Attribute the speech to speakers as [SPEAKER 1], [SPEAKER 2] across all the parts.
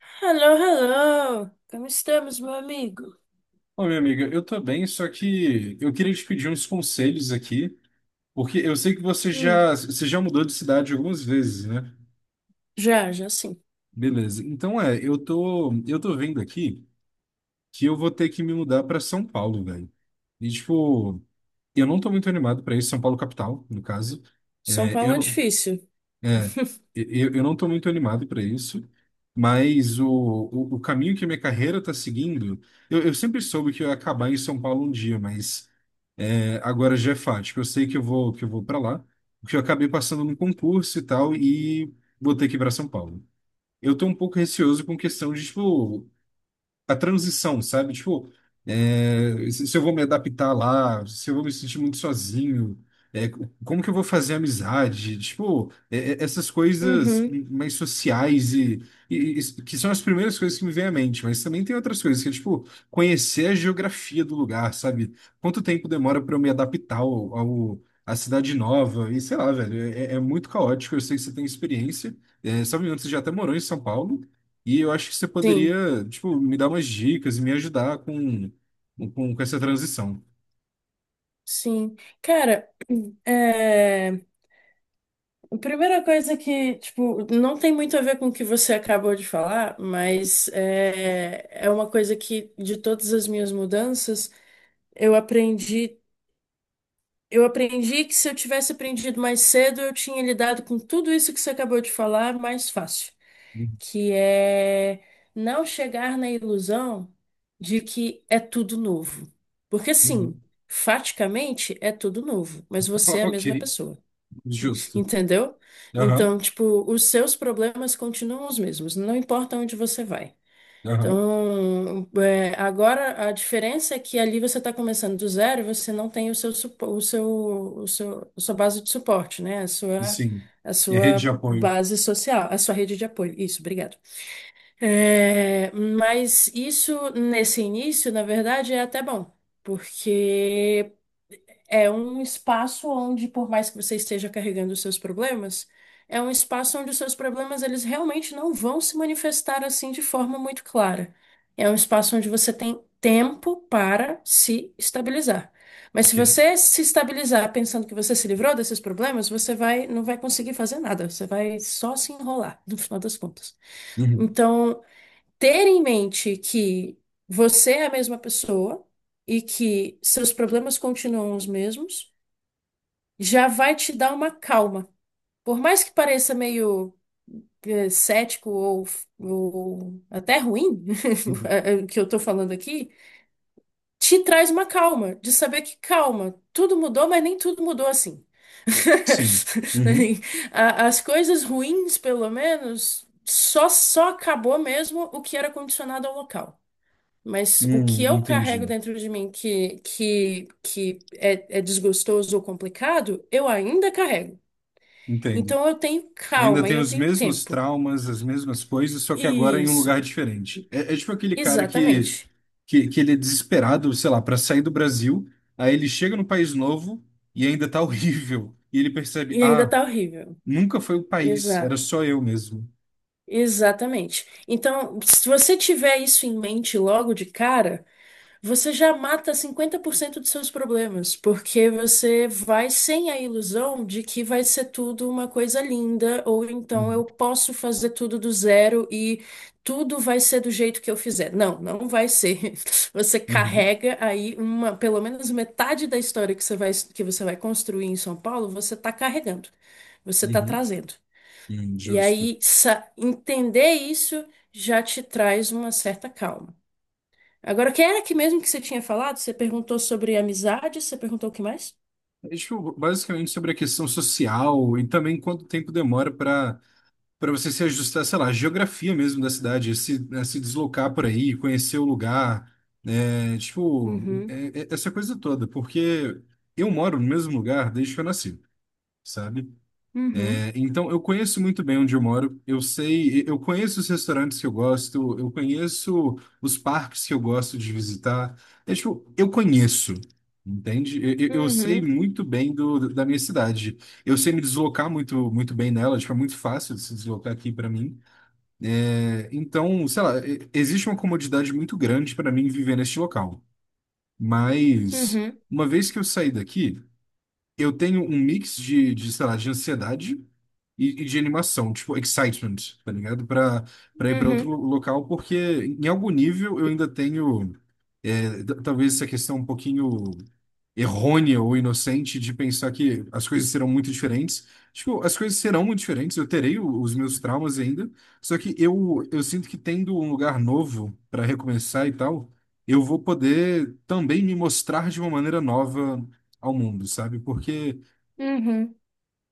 [SPEAKER 1] Hello, hello! Como estamos, meu amigo?
[SPEAKER 2] Ô, minha amiga, eu tô bem, só que eu queria te pedir uns conselhos aqui, porque eu sei que você
[SPEAKER 1] Hum,
[SPEAKER 2] já, você já mudou de cidade algumas vezes, né?
[SPEAKER 1] já, já sim.
[SPEAKER 2] Beleza. Então eu tô vendo aqui que eu vou ter que me mudar pra São Paulo, velho. E tipo, eu não tô muito animado pra isso, São Paulo capital, no caso.
[SPEAKER 1] São
[SPEAKER 2] É,
[SPEAKER 1] Paulo
[SPEAKER 2] eu
[SPEAKER 1] é
[SPEAKER 2] não,
[SPEAKER 1] difícil.
[SPEAKER 2] é, eu não tô muito animado pra isso. Mas o caminho que minha carreira tá seguindo, eu sempre soube que eu ia acabar em São Paulo um dia, mas agora, Jefat, que eu sei que eu vou para lá, porque eu acabei passando num concurso e tal, e vou ter que ir para São Paulo. Eu tô um pouco receoso com questão de, tipo, a transição, sabe? Tipo, se eu vou me adaptar lá, se eu vou me sentir muito sozinho, como que eu vou fazer amizade? Tipo, essas coisas
[SPEAKER 1] Uhum,
[SPEAKER 2] mais sociais e que são as primeiras coisas que me vêm à mente, mas também tem outras coisas que é, tipo, conhecer a geografia do lugar, sabe? Quanto tempo demora para eu me adaptar à cidade nova? E sei lá, velho, muito caótico. Eu sei que você tem experiência. Se eu não me engano, você já até morou em São Paulo. E eu acho que você
[SPEAKER 1] sim,
[SPEAKER 2] poderia, tipo, me dar umas dicas e me ajudar com essa transição.
[SPEAKER 1] sim. Cara, é... a primeira coisa que, tipo, não tem muito a ver com o que você acabou de falar, mas é uma coisa que, de todas as minhas mudanças, eu aprendi. Eu aprendi que se eu tivesse aprendido mais cedo, eu tinha lidado com tudo isso que você acabou de falar mais fácil.
[SPEAKER 2] Uhum.
[SPEAKER 1] Que é não chegar na ilusão de que é tudo novo. Porque sim, faticamente é tudo novo, mas você é a
[SPEAKER 2] Ok,
[SPEAKER 1] mesma pessoa,
[SPEAKER 2] justo.
[SPEAKER 1] entendeu?
[SPEAKER 2] Aham,
[SPEAKER 1] Então, tipo, os seus problemas continuam os mesmos, não importa onde você vai.
[SPEAKER 2] aham,
[SPEAKER 1] Então, agora a diferença é que ali você está começando do zero e você não tem o seu, supo- o seu, a sua base de suporte, né? A sua,
[SPEAKER 2] sim.
[SPEAKER 1] a
[SPEAKER 2] Minha rede
[SPEAKER 1] sua
[SPEAKER 2] de apoio.
[SPEAKER 1] base social, a sua rede de apoio. Isso, obrigada. É, mas isso, nesse início, na verdade, é até bom, porque é um espaço onde, por mais que você esteja carregando os seus problemas, é um espaço onde os seus problemas eles realmente não vão se manifestar assim de forma muito clara. É um espaço onde você tem tempo para se estabilizar. Mas
[SPEAKER 2] Ok.
[SPEAKER 1] se você se estabilizar pensando que você se livrou desses problemas, você vai, não vai conseguir fazer nada, você vai só se enrolar, no final das contas.
[SPEAKER 2] Uhum.
[SPEAKER 1] Então, ter em mente que você é a mesma pessoa e que seus problemas continuam os mesmos, já vai te dar uma calma. Por mais que pareça meio cético ou até ruim,
[SPEAKER 2] Uhum.
[SPEAKER 1] o que eu tô falando aqui, te traz uma calma, de saber que calma, tudo mudou, mas nem tudo mudou assim.
[SPEAKER 2] Sim. Uhum.
[SPEAKER 1] As coisas ruins, pelo menos, só acabou mesmo o que era condicionado ao local. Mas o que eu carrego
[SPEAKER 2] Entendi.
[SPEAKER 1] dentro de mim que é desgostoso ou complicado, eu ainda carrego.
[SPEAKER 2] Entendo.
[SPEAKER 1] Então eu tenho
[SPEAKER 2] Eu ainda
[SPEAKER 1] calma e
[SPEAKER 2] tenho
[SPEAKER 1] eu
[SPEAKER 2] os
[SPEAKER 1] tenho
[SPEAKER 2] mesmos
[SPEAKER 1] tempo.
[SPEAKER 2] traumas, as mesmas coisas, só que agora em um
[SPEAKER 1] Isso,
[SPEAKER 2] lugar diferente. É, é tipo aquele cara que
[SPEAKER 1] exatamente.
[SPEAKER 2] que, que ele é desesperado, sei lá, para sair do Brasil, aí ele chega no país novo e ainda tá horrível. E ele percebe,
[SPEAKER 1] E ainda
[SPEAKER 2] ah,
[SPEAKER 1] tá horrível.
[SPEAKER 2] nunca foi o país, era
[SPEAKER 1] Exato,
[SPEAKER 2] só eu mesmo.
[SPEAKER 1] exatamente. Então, se você tiver isso em mente logo de cara, você já mata 50% dos seus problemas, porque você vai sem a ilusão de que vai ser tudo uma coisa linda, ou então eu
[SPEAKER 2] Uhum,
[SPEAKER 1] posso fazer tudo do zero e tudo vai ser do jeito que eu fizer. Não, não vai ser. Você
[SPEAKER 2] uhum,
[SPEAKER 1] carrega aí uma, pelo menos metade da história que você vai construir em São Paulo, você está carregando, você está
[SPEAKER 2] uhum,
[SPEAKER 1] trazendo.
[SPEAKER 2] uhum,
[SPEAKER 1] E
[SPEAKER 2] justo.
[SPEAKER 1] aí, entender isso já te traz uma certa calma. Agora, que era que mesmo que você tinha falado? Você perguntou sobre amizade, você perguntou o que mais?
[SPEAKER 2] É, tipo, basicamente sobre a questão social e também quanto tempo demora para você se ajustar, sei lá, à geografia mesmo da cidade, se, né, se deslocar por aí, conhecer o lugar, né, tipo,
[SPEAKER 1] Uhum,
[SPEAKER 2] essa coisa toda, porque eu moro no mesmo lugar desde que eu nasci, sabe?
[SPEAKER 1] uhum,
[SPEAKER 2] Então, eu conheço muito bem onde eu moro. Eu sei, eu conheço os restaurantes que eu gosto, eu conheço os parques que eu gosto de visitar. É, tipo, eu conheço, entende? Eu sei
[SPEAKER 1] uhum,
[SPEAKER 2] muito bem da minha cidade. Eu sei me deslocar muito, muito bem nela. Tipo, é muito fácil de se deslocar aqui para mim. É, então, sei lá, existe uma comodidade muito grande para mim viver neste local. Mas
[SPEAKER 1] uhum,
[SPEAKER 2] uma vez que eu saí daqui eu tenho um mix de sei lá, de ansiedade e de animação, tipo, excitement, tá ligado? Pra ir pra outro
[SPEAKER 1] uhum,
[SPEAKER 2] local, porque em algum nível eu ainda tenho, talvez essa questão um pouquinho errônea ou inocente de pensar que as coisas serão muito diferentes. Tipo, as coisas serão muito diferentes, eu terei os meus traumas ainda, só que eu sinto que tendo um lugar novo pra recomeçar e tal, eu vou poder também me mostrar de uma maneira nova ao mundo, sabe? Porque
[SPEAKER 1] uhum.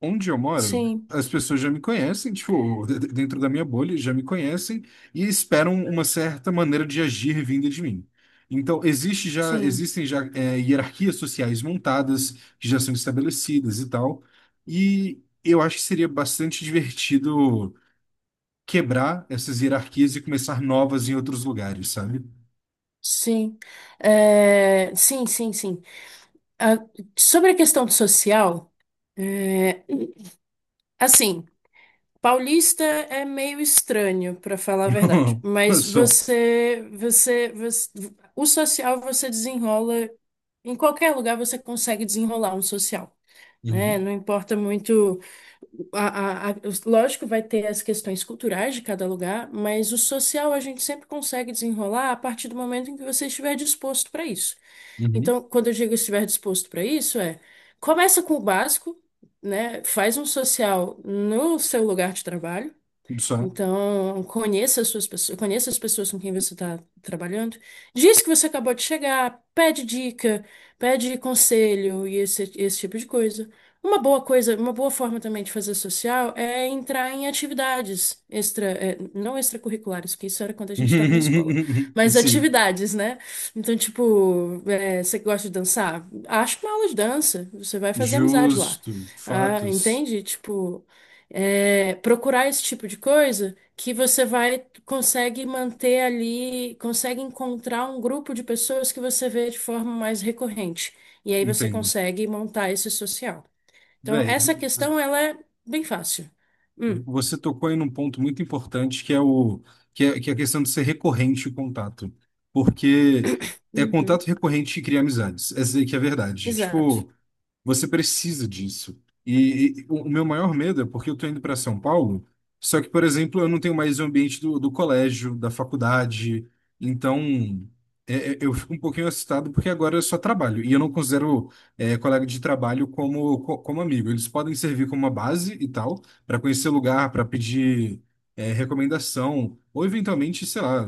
[SPEAKER 2] onde eu moro,
[SPEAKER 1] Sim,
[SPEAKER 2] as pessoas já me conhecem, tipo, dentro da minha bolha, já me conhecem e esperam uma certa maneira de agir vinda de mim. Então, existe já,
[SPEAKER 1] sim,
[SPEAKER 2] existem já hierarquias sociais montadas, que já são estabelecidas e tal, e eu acho que seria bastante divertido quebrar essas hierarquias e começar novas em outros lugares, sabe?
[SPEAKER 1] sim. É, sim, sim, sim. Ah, sobre a questão do social, é, assim, paulista é meio estranho, para falar a verdade, mas
[SPEAKER 2] Só.
[SPEAKER 1] o social você desenrola, em qualquer lugar você consegue desenrolar um social. Né?
[SPEAKER 2] Uhum,
[SPEAKER 1] Não importa muito. Lógico, vai ter as questões culturais de cada lugar, mas o social a gente sempre consegue desenrolar a partir do momento em que você estiver disposto para isso.
[SPEAKER 2] uhum.
[SPEAKER 1] Então, quando eu digo estiver disposto para isso, começa com o básico, né? Faz um social no seu lugar de trabalho.
[SPEAKER 2] Só.
[SPEAKER 1] Então, conheça as suas pessoas, conheça as pessoas com quem você está trabalhando. Diz que você acabou de chegar, pede dica, pede conselho e esse tipo de coisa. Uma boa coisa, uma boa forma também de fazer social é entrar em atividades extra, não extracurriculares, porque isso era quando a gente estava na escola, mas
[SPEAKER 2] Sim.
[SPEAKER 1] atividades, né? Então, tipo, você gosta de dançar? Acha uma aula de dança, você vai fazer amizade lá.
[SPEAKER 2] Justo,
[SPEAKER 1] Ah,
[SPEAKER 2] fatos,
[SPEAKER 1] entende? Tipo, procurar esse tipo de coisa que você vai consegue manter ali, consegue encontrar um grupo de pessoas que você vê de forma mais recorrente. E aí você
[SPEAKER 2] entendo.
[SPEAKER 1] consegue montar esse social. Então,
[SPEAKER 2] Véi, vo-
[SPEAKER 1] essa questão ela é bem fácil. Hum,
[SPEAKER 2] você tocou aí num ponto muito importante que é a questão de ser recorrente o contato, porque é
[SPEAKER 1] uhum,
[SPEAKER 2] contato recorrente que cria amizades. Essa aí que é a verdade.
[SPEAKER 1] exato.
[SPEAKER 2] Tipo, você precisa disso. E o meu maior medo é porque eu estou indo para São Paulo, só que, por exemplo, eu não tenho mais o ambiente do colégio, da faculdade. Então, eu fico um pouquinho assustado porque agora eu só trabalho. E eu não considero, colega de trabalho como amigo. Eles podem servir como uma base e tal, para conhecer lugar, para pedir, recomendação. Ou, eventualmente, sei lá,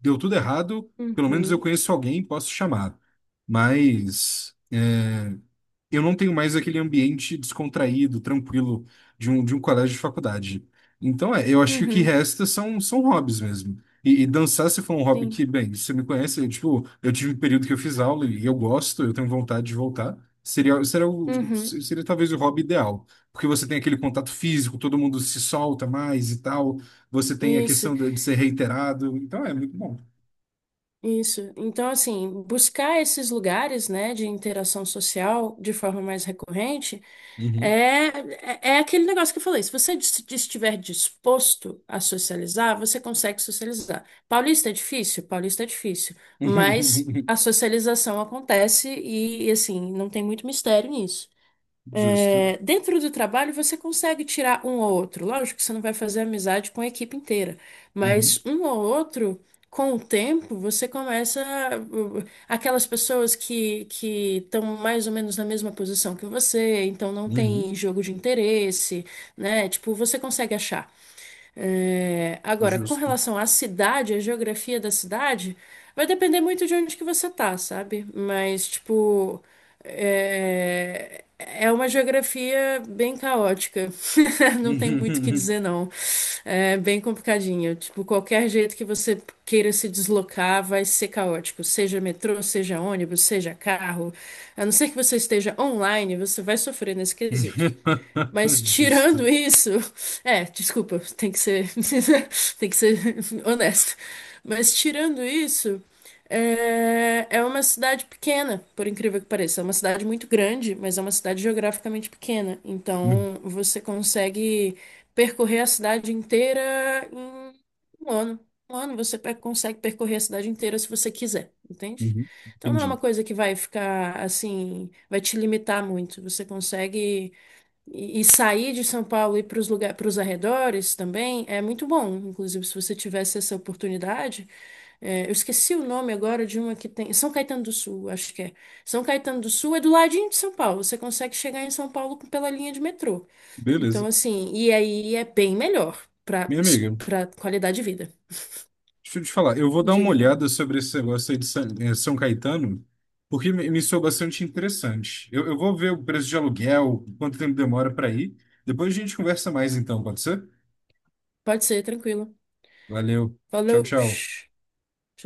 [SPEAKER 2] deu tudo errado, pelo menos eu
[SPEAKER 1] Uhum,
[SPEAKER 2] conheço alguém, posso chamar. Mas, eu não tenho mais aquele ambiente descontraído, tranquilo de um colégio de faculdade. Então, eu acho que o que
[SPEAKER 1] uhum,
[SPEAKER 2] resta são hobbies mesmo. E dançar, se for um hobby que,
[SPEAKER 1] sim.
[SPEAKER 2] bem, você me conhece, eu, tipo, eu tive um período que eu fiz aula e eu gosto, eu tenho vontade de voltar. Seria, seria, o-
[SPEAKER 1] Uhum,
[SPEAKER 2] seria talvez o hobby ideal, porque você tem aquele contato físico, todo mundo se solta mais e tal, você tem a
[SPEAKER 1] isso,
[SPEAKER 2] questão de ser reiterado, então é muito bom.
[SPEAKER 1] isso. Então, assim, buscar esses lugares, né, de interação social de forma mais recorrente.
[SPEAKER 2] Uhum.
[SPEAKER 1] É, é aquele negócio que eu falei. Se você estiver disposto a socializar, você consegue socializar. Paulista é difícil? Paulista é difícil. Mas a socialização acontece e, assim, não tem muito mistério nisso.
[SPEAKER 2] Justo.
[SPEAKER 1] É, dentro do trabalho, você consegue tirar um ou outro. Lógico que você não vai fazer amizade com a equipe inteira,
[SPEAKER 2] Uhum.
[SPEAKER 1] mas um ou outro, com o tempo, você começa. Aquelas pessoas que estão mais ou menos na mesma posição que você, então não
[SPEAKER 2] Uhum.
[SPEAKER 1] tem jogo de interesse, né? Tipo, você consegue achar. É, agora, com
[SPEAKER 2] Justo.
[SPEAKER 1] relação à cidade, à geografia da cidade, vai depender muito de onde que você tá, sabe? Mas, tipo, é, uma geografia bem caótica. Não tem muito o que dizer, não. É bem complicadinho. Tipo, qualquer jeito que você queira se deslocar vai ser caótico. Seja metrô, seja ônibus, seja carro. A não ser que você esteja online, você vai sofrer nesse quesito. Mas
[SPEAKER 2] Justo.
[SPEAKER 1] tirando isso, desculpa, tem que ser honesto. Mas tirando isso, é uma cidade pequena, por incrível que pareça. É uma cidade muito grande, mas é uma cidade geograficamente pequena.
[SPEAKER 2] Hum,
[SPEAKER 1] Então você consegue percorrer a cidade inteira em um ano. Um ano você consegue percorrer a cidade inteira se você quiser, entende?
[SPEAKER 2] uhum,
[SPEAKER 1] Então não é uma
[SPEAKER 2] entendi.
[SPEAKER 1] coisa que vai ficar assim, vai te limitar muito. Você consegue e sair de São Paulo e ir para os lugares, para os arredores também é muito bom. Inclusive, se você tivesse essa oportunidade, eu esqueci o nome agora de uma que tem. São Caetano do Sul, acho que é. São Caetano do Sul é do ladinho de São Paulo. Você consegue chegar em São Paulo pela linha de metrô. Então,
[SPEAKER 2] Beleza.
[SPEAKER 1] assim, e aí é bem melhor para
[SPEAKER 2] Minha amiga,
[SPEAKER 1] para qualidade de vida.
[SPEAKER 2] deixa eu te falar, eu vou dar uma
[SPEAKER 1] Diga lá.
[SPEAKER 2] olhada sobre esse negócio aí de São, São Caetano, porque me soou bastante interessante. Eu vou ver o preço de aluguel, quanto tempo demora para ir. Depois a gente conversa mais então, pode ser?
[SPEAKER 1] Pode ser, tranquilo.
[SPEAKER 2] Valeu. Tchau,
[SPEAKER 1] Falou.
[SPEAKER 2] tchau.
[SPEAKER 1] Tchau.